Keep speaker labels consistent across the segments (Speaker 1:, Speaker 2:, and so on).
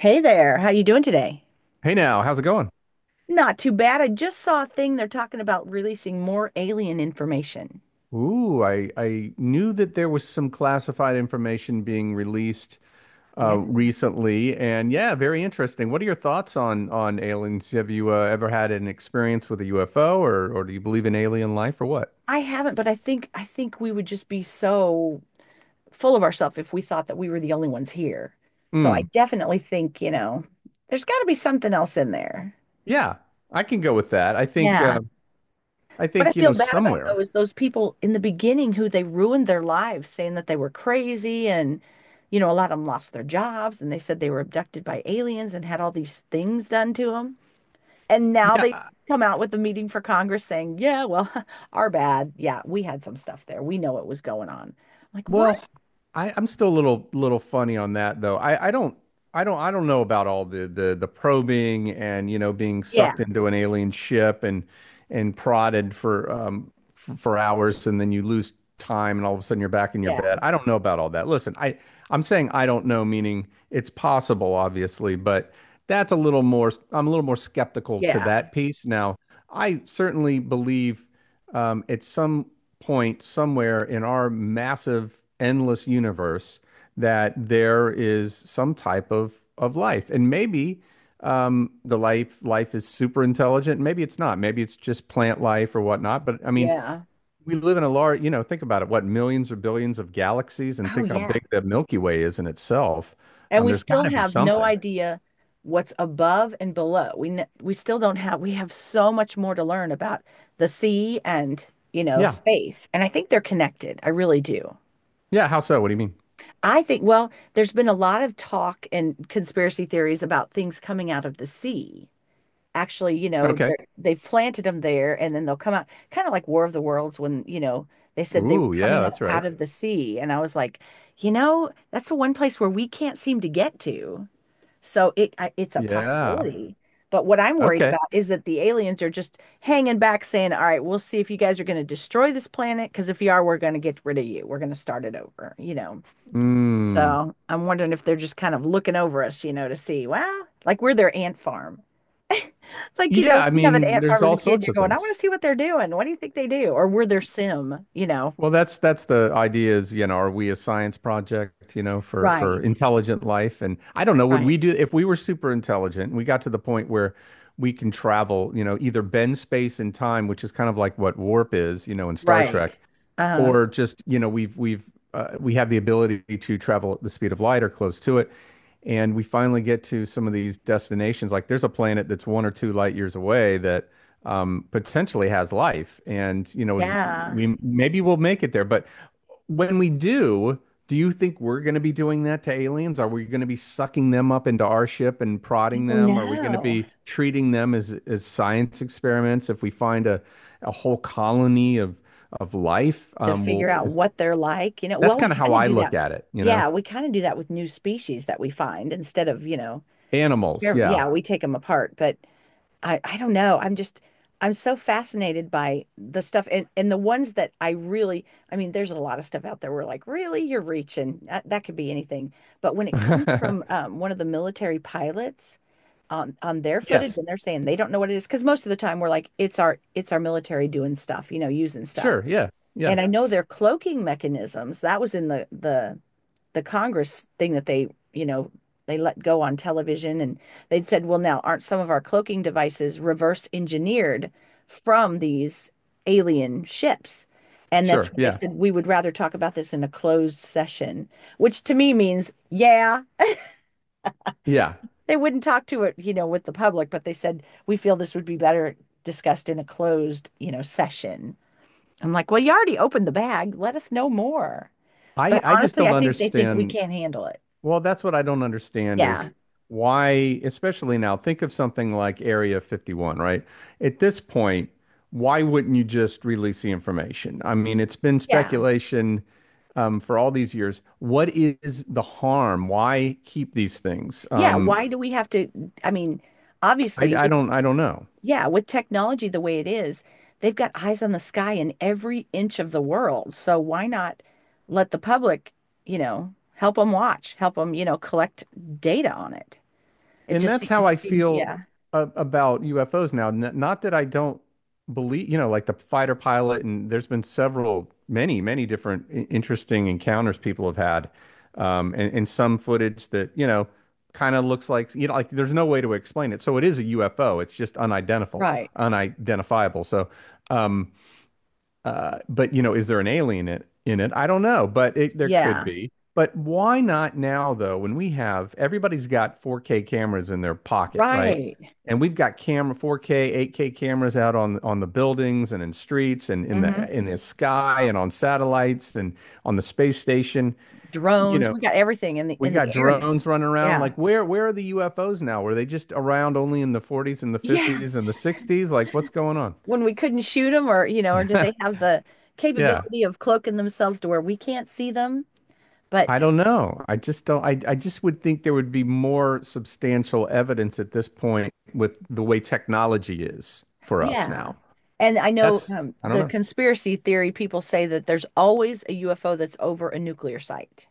Speaker 1: Hey there, how you doing today?
Speaker 2: Hey now, how's it going?
Speaker 1: Not too bad. I just saw a thing they're talking about releasing more alien information.
Speaker 2: Ooh, I knew that there was some classified information being released
Speaker 1: Yeah.
Speaker 2: recently, and yeah, very interesting. What are your thoughts on aliens? Have you ever had an experience with a UFO, or do you believe in alien life, or what?
Speaker 1: I haven't, but I think we would just be so full of ourselves if we thought that we were the only ones here. So I
Speaker 2: Mm,
Speaker 1: definitely think, you know, there's got to be something else in there.
Speaker 2: yeah, I can go with that.
Speaker 1: Yeah.
Speaker 2: I
Speaker 1: What I
Speaker 2: think you
Speaker 1: feel
Speaker 2: know
Speaker 1: bad about though
Speaker 2: somewhere.
Speaker 1: is those people in the beginning who they ruined their lives saying that they were crazy and you know, a lot of them lost their jobs and they said they were abducted by aliens and had all these things done to them. And now they
Speaker 2: Yeah,
Speaker 1: come out with the meeting for Congress saying, yeah, well, our bad. Yeah, we had some stuff there. We know it was going on. Like, what?
Speaker 2: well, I, I'm still a little funny on that though. I, I don't I don't know about all the the probing and you know being
Speaker 1: Yeah,
Speaker 2: sucked into an alien ship and prodded for for hours and then you lose time and all of a sudden you're back in your
Speaker 1: yeah,
Speaker 2: bed. I don't know about all that. Listen, I'm saying I don't know, meaning it's possible, obviously, but that's a little more I'm a little more skeptical to
Speaker 1: yeah,
Speaker 2: that piece. Now, I certainly believe at some point somewhere in our massive, endless universe that there is some type of life, and maybe the life is super intelligent. Maybe it's not. Maybe it's just plant life or whatnot. But I mean,
Speaker 1: yeah.
Speaker 2: we live in a large, you know, think about it, what millions or billions of galaxies, and
Speaker 1: Oh,
Speaker 2: think how
Speaker 1: yeah.
Speaker 2: big the Milky Way is in itself.
Speaker 1: And we
Speaker 2: There's got
Speaker 1: still
Speaker 2: to be
Speaker 1: have no
Speaker 2: something.
Speaker 1: idea what's above and below. We still don't have, we have so much more to learn about the sea and, you know,
Speaker 2: Yeah.
Speaker 1: space. And I think they're connected. I really do.
Speaker 2: Yeah. How so? What do you mean?
Speaker 1: I think, well, there's been a lot of talk and conspiracy theories about things coming out of the sea actually, you know,
Speaker 2: Okay.
Speaker 1: they're, they've planted them there and then they'll come out kind of like War of the Worlds when, you know, they said they were
Speaker 2: Ooh, yeah,
Speaker 1: coming up
Speaker 2: that's right.
Speaker 1: out of the sea. And I was like, you know, that's the one place where we can't seem to get to. It's a
Speaker 2: Yeah.
Speaker 1: possibility. But what I'm worried
Speaker 2: Okay.
Speaker 1: about is that the aliens are just hanging back saying, all right, we'll see if you guys are going to destroy this planet. Because if you are, we're going to get rid of you. We're going to start it over, you know.
Speaker 2: Mm.
Speaker 1: So I'm wondering if they're just kind of looking over us, you know, to see, wow, like we're their ant farm. Like, you know, when
Speaker 2: Yeah, I
Speaker 1: you have an
Speaker 2: mean,
Speaker 1: ant
Speaker 2: there's
Speaker 1: farm as a
Speaker 2: all
Speaker 1: kid,
Speaker 2: sorts
Speaker 1: you're
Speaker 2: of
Speaker 1: going, I want
Speaker 2: things.
Speaker 1: to see what they're doing. What do you think they do? Or were their sim, you know?
Speaker 2: Well, that's the idea is, you know, are we a science project, you know, for
Speaker 1: Right,
Speaker 2: intelligent life? And I don't know, would
Speaker 1: right,
Speaker 2: we do if we were super intelligent and we got to the point where we can travel, you know, either bend space and time, which is kind of like what warp is, you know, in Star
Speaker 1: right.
Speaker 2: Trek,
Speaker 1: Uh,
Speaker 2: or just, you know, we've we have the ability to travel at the speed of light or close to it. And we finally get to some of these destinations. Like there's a planet that's one or two light years away that potentially has life. And you know,
Speaker 1: yeah.
Speaker 2: we maybe we'll make it there, but when we do, do you think we're going to be doing that to aliens? Are we going to be sucking them up into our ship and
Speaker 1: I
Speaker 2: prodding them? Are we going to
Speaker 1: do
Speaker 2: be treating them as science experiments? If we find a whole colony of life,
Speaker 1: to figure out what they're like, you know.
Speaker 2: that's
Speaker 1: Well, we
Speaker 2: kind of how
Speaker 1: kind of
Speaker 2: I
Speaker 1: do
Speaker 2: look
Speaker 1: that.
Speaker 2: at it, you know?
Speaker 1: Yeah, we kind of do that with new species that we find instead of, you know,
Speaker 2: Animals, yeah.
Speaker 1: yeah, we take them apart, but I don't know. I'm just I'm so fascinated by the stuff and the ones that I really I mean, there's a lot of stuff out there where like, really, you're reaching. That could be anything. But when it comes from one of the military pilots on their footage
Speaker 2: Yes,
Speaker 1: and they're saying they don't know what it is, because most of the time we're like, it's our military doing stuff, you know, using stuff.
Speaker 2: sure, yeah, yeah,
Speaker 1: And I know their cloaking mechanisms, that was in the Congress thing that they, you know, they let go on television and they'd said, well, now aren't some of our cloaking devices reverse engineered from these alien ships? And that's
Speaker 2: sure,
Speaker 1: when they
Speaker 2: yeah,
Speaker 1: said, we would rather talk about this in a closed session, which to me means, yeah,
Speaker 2: yeah.
Speaker 1: they wouldn't talk to it, you know, with the public, but they said, we feel this would be better discussed in a closed, you know, session. I'm like, well, you already opened the bag. Let us know more. But
Speaker 2: I just
Speaker 1: honestly,
Speaker 2: don't
Speaker 1: I think they think we
Speaker 2: understand
Speaker 1: can't handle it.
Speaker 2: Well, that's what I don't understand is
Speaker 1: Yeah.
Speaker 2: why, especially now, think of something like Area 51, right? At this point, why wouldn't you just release the information? I mean, it's been
Speaker 1: Yeah.
Speaker 2: speculation for all these years. What is the harm? Why keep these things?
Speaker 1: Yeah, why do we have to? I mean, obviously, with
Speaker 2: I don't know.
Speaker 1: yeah, with technology the way it is, they've got eyes on the sky in every inch of the world. So why not let the public, you know, help them watch, help them, you know, collect data on it?
Speaker 2: And that's how
Speaker 1: It
Speaker 2: I
Speaker 1: seems,
Speaker 2: feel
Speaker 1: yeah,
Speaker 2: about UFOs now. N Not that I don't believe, you know, like the fighter pilot, and there's been several, many, many different interesting encounters people have had, and some footage that, you know, kind of looks like, you know, like there's no way to explain it. So it is a UFO. It's just
Speaker 1: right,
Speaker 2: unidentifiable. So, um, but you know, is there an alien in it? I don't know, but it, there could
Speaker 1: yeah,
Speaker 2: be. But why not now, though, when we have everybody's got 4K cameras in their pocket, right?
Speaker 1: right.
Speaker 2: And we've got camera 4K, 8K cameras out on the buildings and in streets and in
Speaker 1: Hmm.
Speaker 2: the sky and on satellites and on the space station. You
Speaker 1: Drones,
Speaker 2: know,
Speaker 1: we got everything in the
Speaker 2: we
Speaker 1: in the
Speaker 2: got
Speaker 1: air now.
Speaker 2: drones running around.
Speaker 1: Yeah.
Speaker 2: Like, where are the UFOs now? Were they just around only in the 40s and the
Speaker 1: Yeah.
Speaker 2: 50s and the 60s? Like, what's going on?
Speaker 1: When we couldn't shoot them or, you know, or
Speaker 2: Yeah.
Speaker 1: do they have the
Speaker 2: Yeah.
Speaker 1: capability of cloaking themselves to where we can't see them? But
Speaker 2: I don't know. I just don't. I just would think there would be more substantial evidence at this point with the way technology is for us
Speaker 1: yeah.
Speaker 2: now.
Speaker 1: And I know
Speaker 2: That's, I don't
Speaker 1: the
Speaker 2: know.
Speaker 1: conspiracy theory people say that there's always a UFO that's over a nuclear site,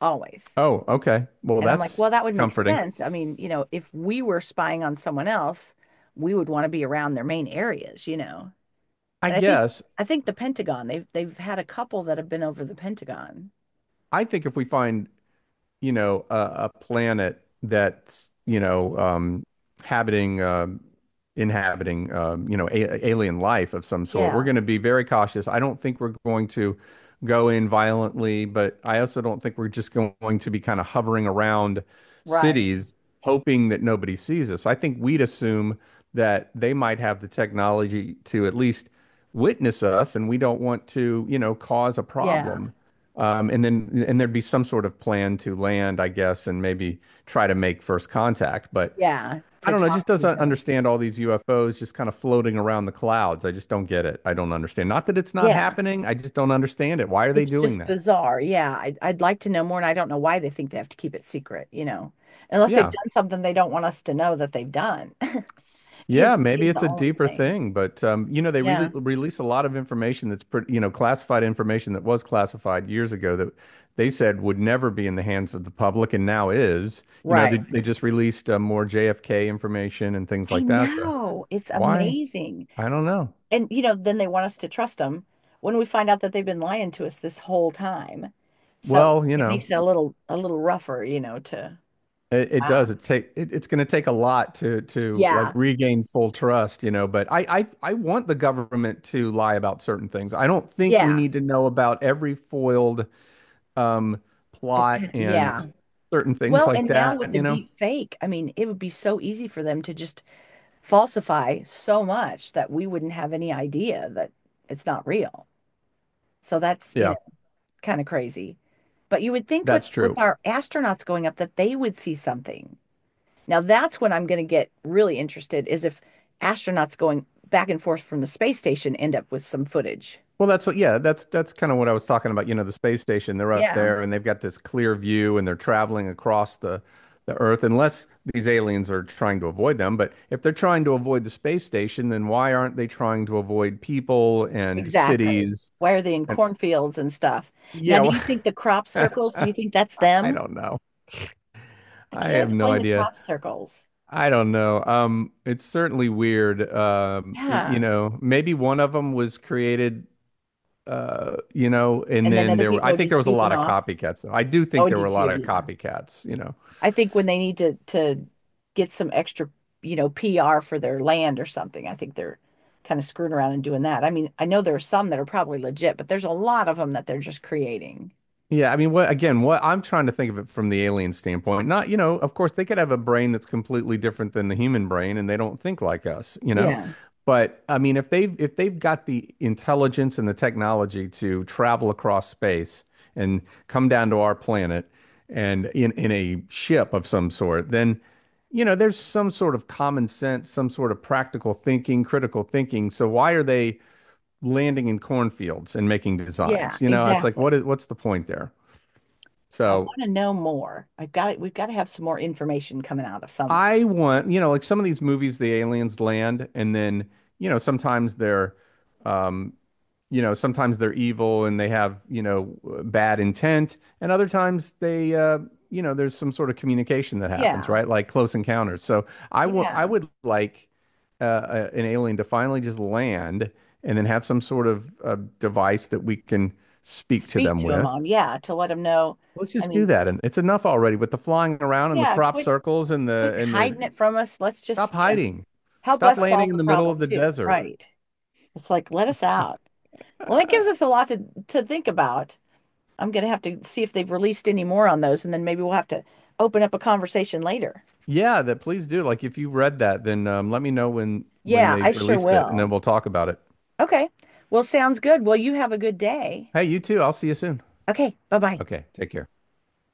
Speaker 1: always.
Speaker 2: Oh, okay. Well,
Speaker 1: And I'm like,
Speaker 2: that's
Speaker 1: well, that would make
Speaker 2: comforting.
Speaker 1: sense. I mean, you know, if we were spying on someone else, we would want to be around their main areas, you know.
Speaker 2: I
Speaker 1: And I think
Speaker 2: guess
Speaker 1: I think the Pentagon, they've had a couple that have been over the Pentagon.
Speaker 2: I think if we find, you know, a planet that's, you know, habiting, um, inhabiting, you know, a alien life of some sort. We're
Speaker 1: Yeah,
Speaker 2: going to be very cautious. I don't think we're going to go in violently, but I also don't think we're just going to be kind of hovering around
Speaker 1: right.
Speaker 2: cities hoping that nobody sees us. I think we'd assume that they might have the technology to at least witness us, and we don't want to, you know, cause a
Speaker 1: Yeah.
Speaker 2: problem. And then and there'd be some sort of plan to land, I guess, and maybe try to make first contact. But
Speaker 1: Yeah,
Speaker 2: I
Speaker 1: to
Speaker 2: don't know, just
Speaker 1: talk to each
Speaker 2: doesn't
Speaker 1: other.
Speaker 2: understand all these UFOs just kind of floating around the clouds. I just don't get it. I don't understand. Not that it's not
Speaker 1: Yeah.
Speaker 2: happening, I just don't understand it. Why are they
Speaker 1: It's
Speaker 2: doing
Speaker 1: just
Speaker 2: that?
Speaker 1: bizarre. Yeah, I'd like to know more, and I don't know why they think they have to keep it secret, you know, unless they've
Speaker 2: Yeah,
Speaker 1: done something they don't want us to know that they've done. His
Speaker 2: Yeah, maybe
Speaker 1: is
Speaker 2: it's
Speaker 1: the
Speaker 2: a
Speaker 1: only
Speaker 2: deeper
Speaker 1: thing.
Speaker 2: thing, but you know, they really
Speaker 1: Yeah,
Speaker 2: release a lot of information that's pretty, you know, classified information that was classified years ago that they said would never be in the hands of the public and now is. You know,
Speaker 1: right.
Speaker 2: they just released more JFK information and things
Speaker 1: I
Speaker 2: like that. So
Speaker 1: know. It's
Speaker 2: why?
Speaker 1: amazing.
Speaker 2: I don't know.
Speaker 1: And you know, then they want us to trust them when we find out that they've been lying to us this whole time. So
Speaker 2: Well, you
Speaker 1: it
Speaker 2: know,
Speaker 1: makes it a little rougher, you know, to
Speaker 2: it does.
Speaker 1: wow.
Speaker 2: It, it's going to take a lot to like
Speaker 1: Yeah.
Speaker 2: regain full trust, you know. But I want the government to lie about certain things. I don't think we
Speaker 1: Yeah.
Speaker 2: need to know about every foiled um, plot
Speaker 1: Atta-
Speaker 2: and
Speaker 1: yeah.
Speaker 2: certain things
Speaker 1: Well,
Speaker 2: like
Speaker 1: and now with
Speaker 2: that,
Speaker 1: the
Speaker 2: you know?
Speaker 1: deep fake, I mean, it would be so easy for them to just falsify so much that we wouldn't have any idea that it's not real. So that's, you
Speaker 2: Yeah,
Speaker 1: know, kind of crazy. But you would think with
Speaker 2: that's true.
Speaker 1: our astronauts going up that they would see something. Now that's when I'm going to get really interested is if astronauts going back and forth from the space station end up with some footage.
Speaker 2: Well, that's what, yeah, that's kind of what I was talking about. You know, the space station, they're up
Speaker 1: Yeah,
Speaker 2: there and they've got this clear view and they're traveling across the Earth, unless these aliens are trying to avoid them. But if they're trying to avoid the space station, then why aren't they trying to avoid people and
Speaker 1: exactly.
Speaker 2: cities?
Speaker 1: Why are they in
Speaker 2: And
Speaker 1: cornfields and stuff? Now, do
Speaker 2: yeah,
Speaker 1: you think the crop circles, do you think that's
Speaker 2: I
Speaker 1: them?
Speaker 2: don't know.
Speaker 1: I
Speaker 2: I
Speaker 1: can't
Speaker 2: have no
Speaker 1: explain the
Speaker 2: idea.
Speaker 1: crop circles.
Speaker 2: I don't know. It's certainly weird. You
Speaker 1: Yeah.
Speaker 2: know, maybe one of them was created, you know, and
Speaker 1: And then
Speaker 2: then
Speaker 1: other
Speaker 2: there were,
Speaker 1: people
Speaker 2: I
Speaker 1: are
Speaker 2: think there
Speaker 1: just
Speaker 2: was a lot
Speaker 1: goofing
Speaker 2: of
Speaker 1: off.
Speaker 2: copycats though. I do
Speaker 1: Oh,
Speaker 2: think
Speaker 1: I
Speaker 2: there were
Speaker 1: do
Speaker 2: a
Speaker 1: too.
Speaker 2: lot of
Speaker 1: Yeah.
Speaker 2: copycats, you know.
Speaker 1: I think when they need to get some extra, you know, PR for their land or something, I think they're kind of screwing around and doing that. I mean, I know there are some that are probably legit, but there's a lot of them that they're just creating.
Speaker 2: Yeah, I mean, what again, what I'm trying to think of it from the alien standpoint. Not, you know, of course they could have a brain that's completely different than the human brain and they don't think like us, you know.
Speaker 1: Yeah.
Speaker 2: But I mean, if they've got the intelligence and the technology to travel across space and come down to our planet and in a ship of some sort, then you know, there's some sort of common sense, some sort of practical thinking, critical thinking. So why are they landing in cornfields and making
Speaker 1: Yeah,
Speaker 2: designs? You know, it's like
Speaker 1: exactly.
Speaker 2: what's the point there?
Speaker 1: I want
Speaker 2: So
Speaker 1: to know more. I've got it. We've got to have some more information coming out of somewhere.
Speaker 2: you know, like some of these movies, the aliens land, and then, you know, um, you know, sometimes they're evil and they have, you know, bad intent, and other times you know, there's some sort of communication that happens,
Speaker 1: Yeah.
Speaker 2: right? Like Close Encounters. So I
Speaker 1: Yeah.
Speaker 2: would like a- an alien to finally just land and then have some sort of device that we can speak to
Speaker 1: Speak
Speaker 2: them
Speaker 1: to them
Speaker 2: with.
Speaker 1: on. Yeah. To let them know.
Speaker 2: Let's
Speaker 1: I
Speaker 2: just do
Speaker 1: mean,
Speaker 2: that. And it's enough already with the flying around and the
Speaker 1: yeah,
Speaker 2: crop
Speaker 1: quit
Speaker 2: circles and the
Speaker 1: hiding it from us. Let's just,
Speaker 2: stop
Speaker 1: you know,
Speaker 2: hiding.
Speaker 1: help
Speaker 2: Stop
Speaker 1: us
Speaker 2: landing
Speaker 1: solve
Speaker 2: in
Speaker 1: the
Speaker 2: the middle of
Speaker 1: problem
Speaker 2: the
Speaker 1: too.
Speaker 2: desert.
Speaker 1: Right. It's like, let us out. Well, that
Speaker 2: Uh,
Speaker 1: gives us a lot to think about. I'm going to have to see if they've released any more on those, and then maybe we'll have to open up a conversation later.
Speaker 2: yeah, that please do. Like if you read that, then let me know when
Speaker 1: Yeah, I
Speaker 2: they've
Speaker 1: sure
Speaker 2: released it and then we'll
Speaker 1: will.
Speaker 2: talk about it.
Speaker 1: Okay. Well, sounds good. Well, you have a good day.
Speaker 2: Hey, you too. I'll see you soon.
Speaker 1: Okay. Bye bye.
Speaker 2: Okay, take care.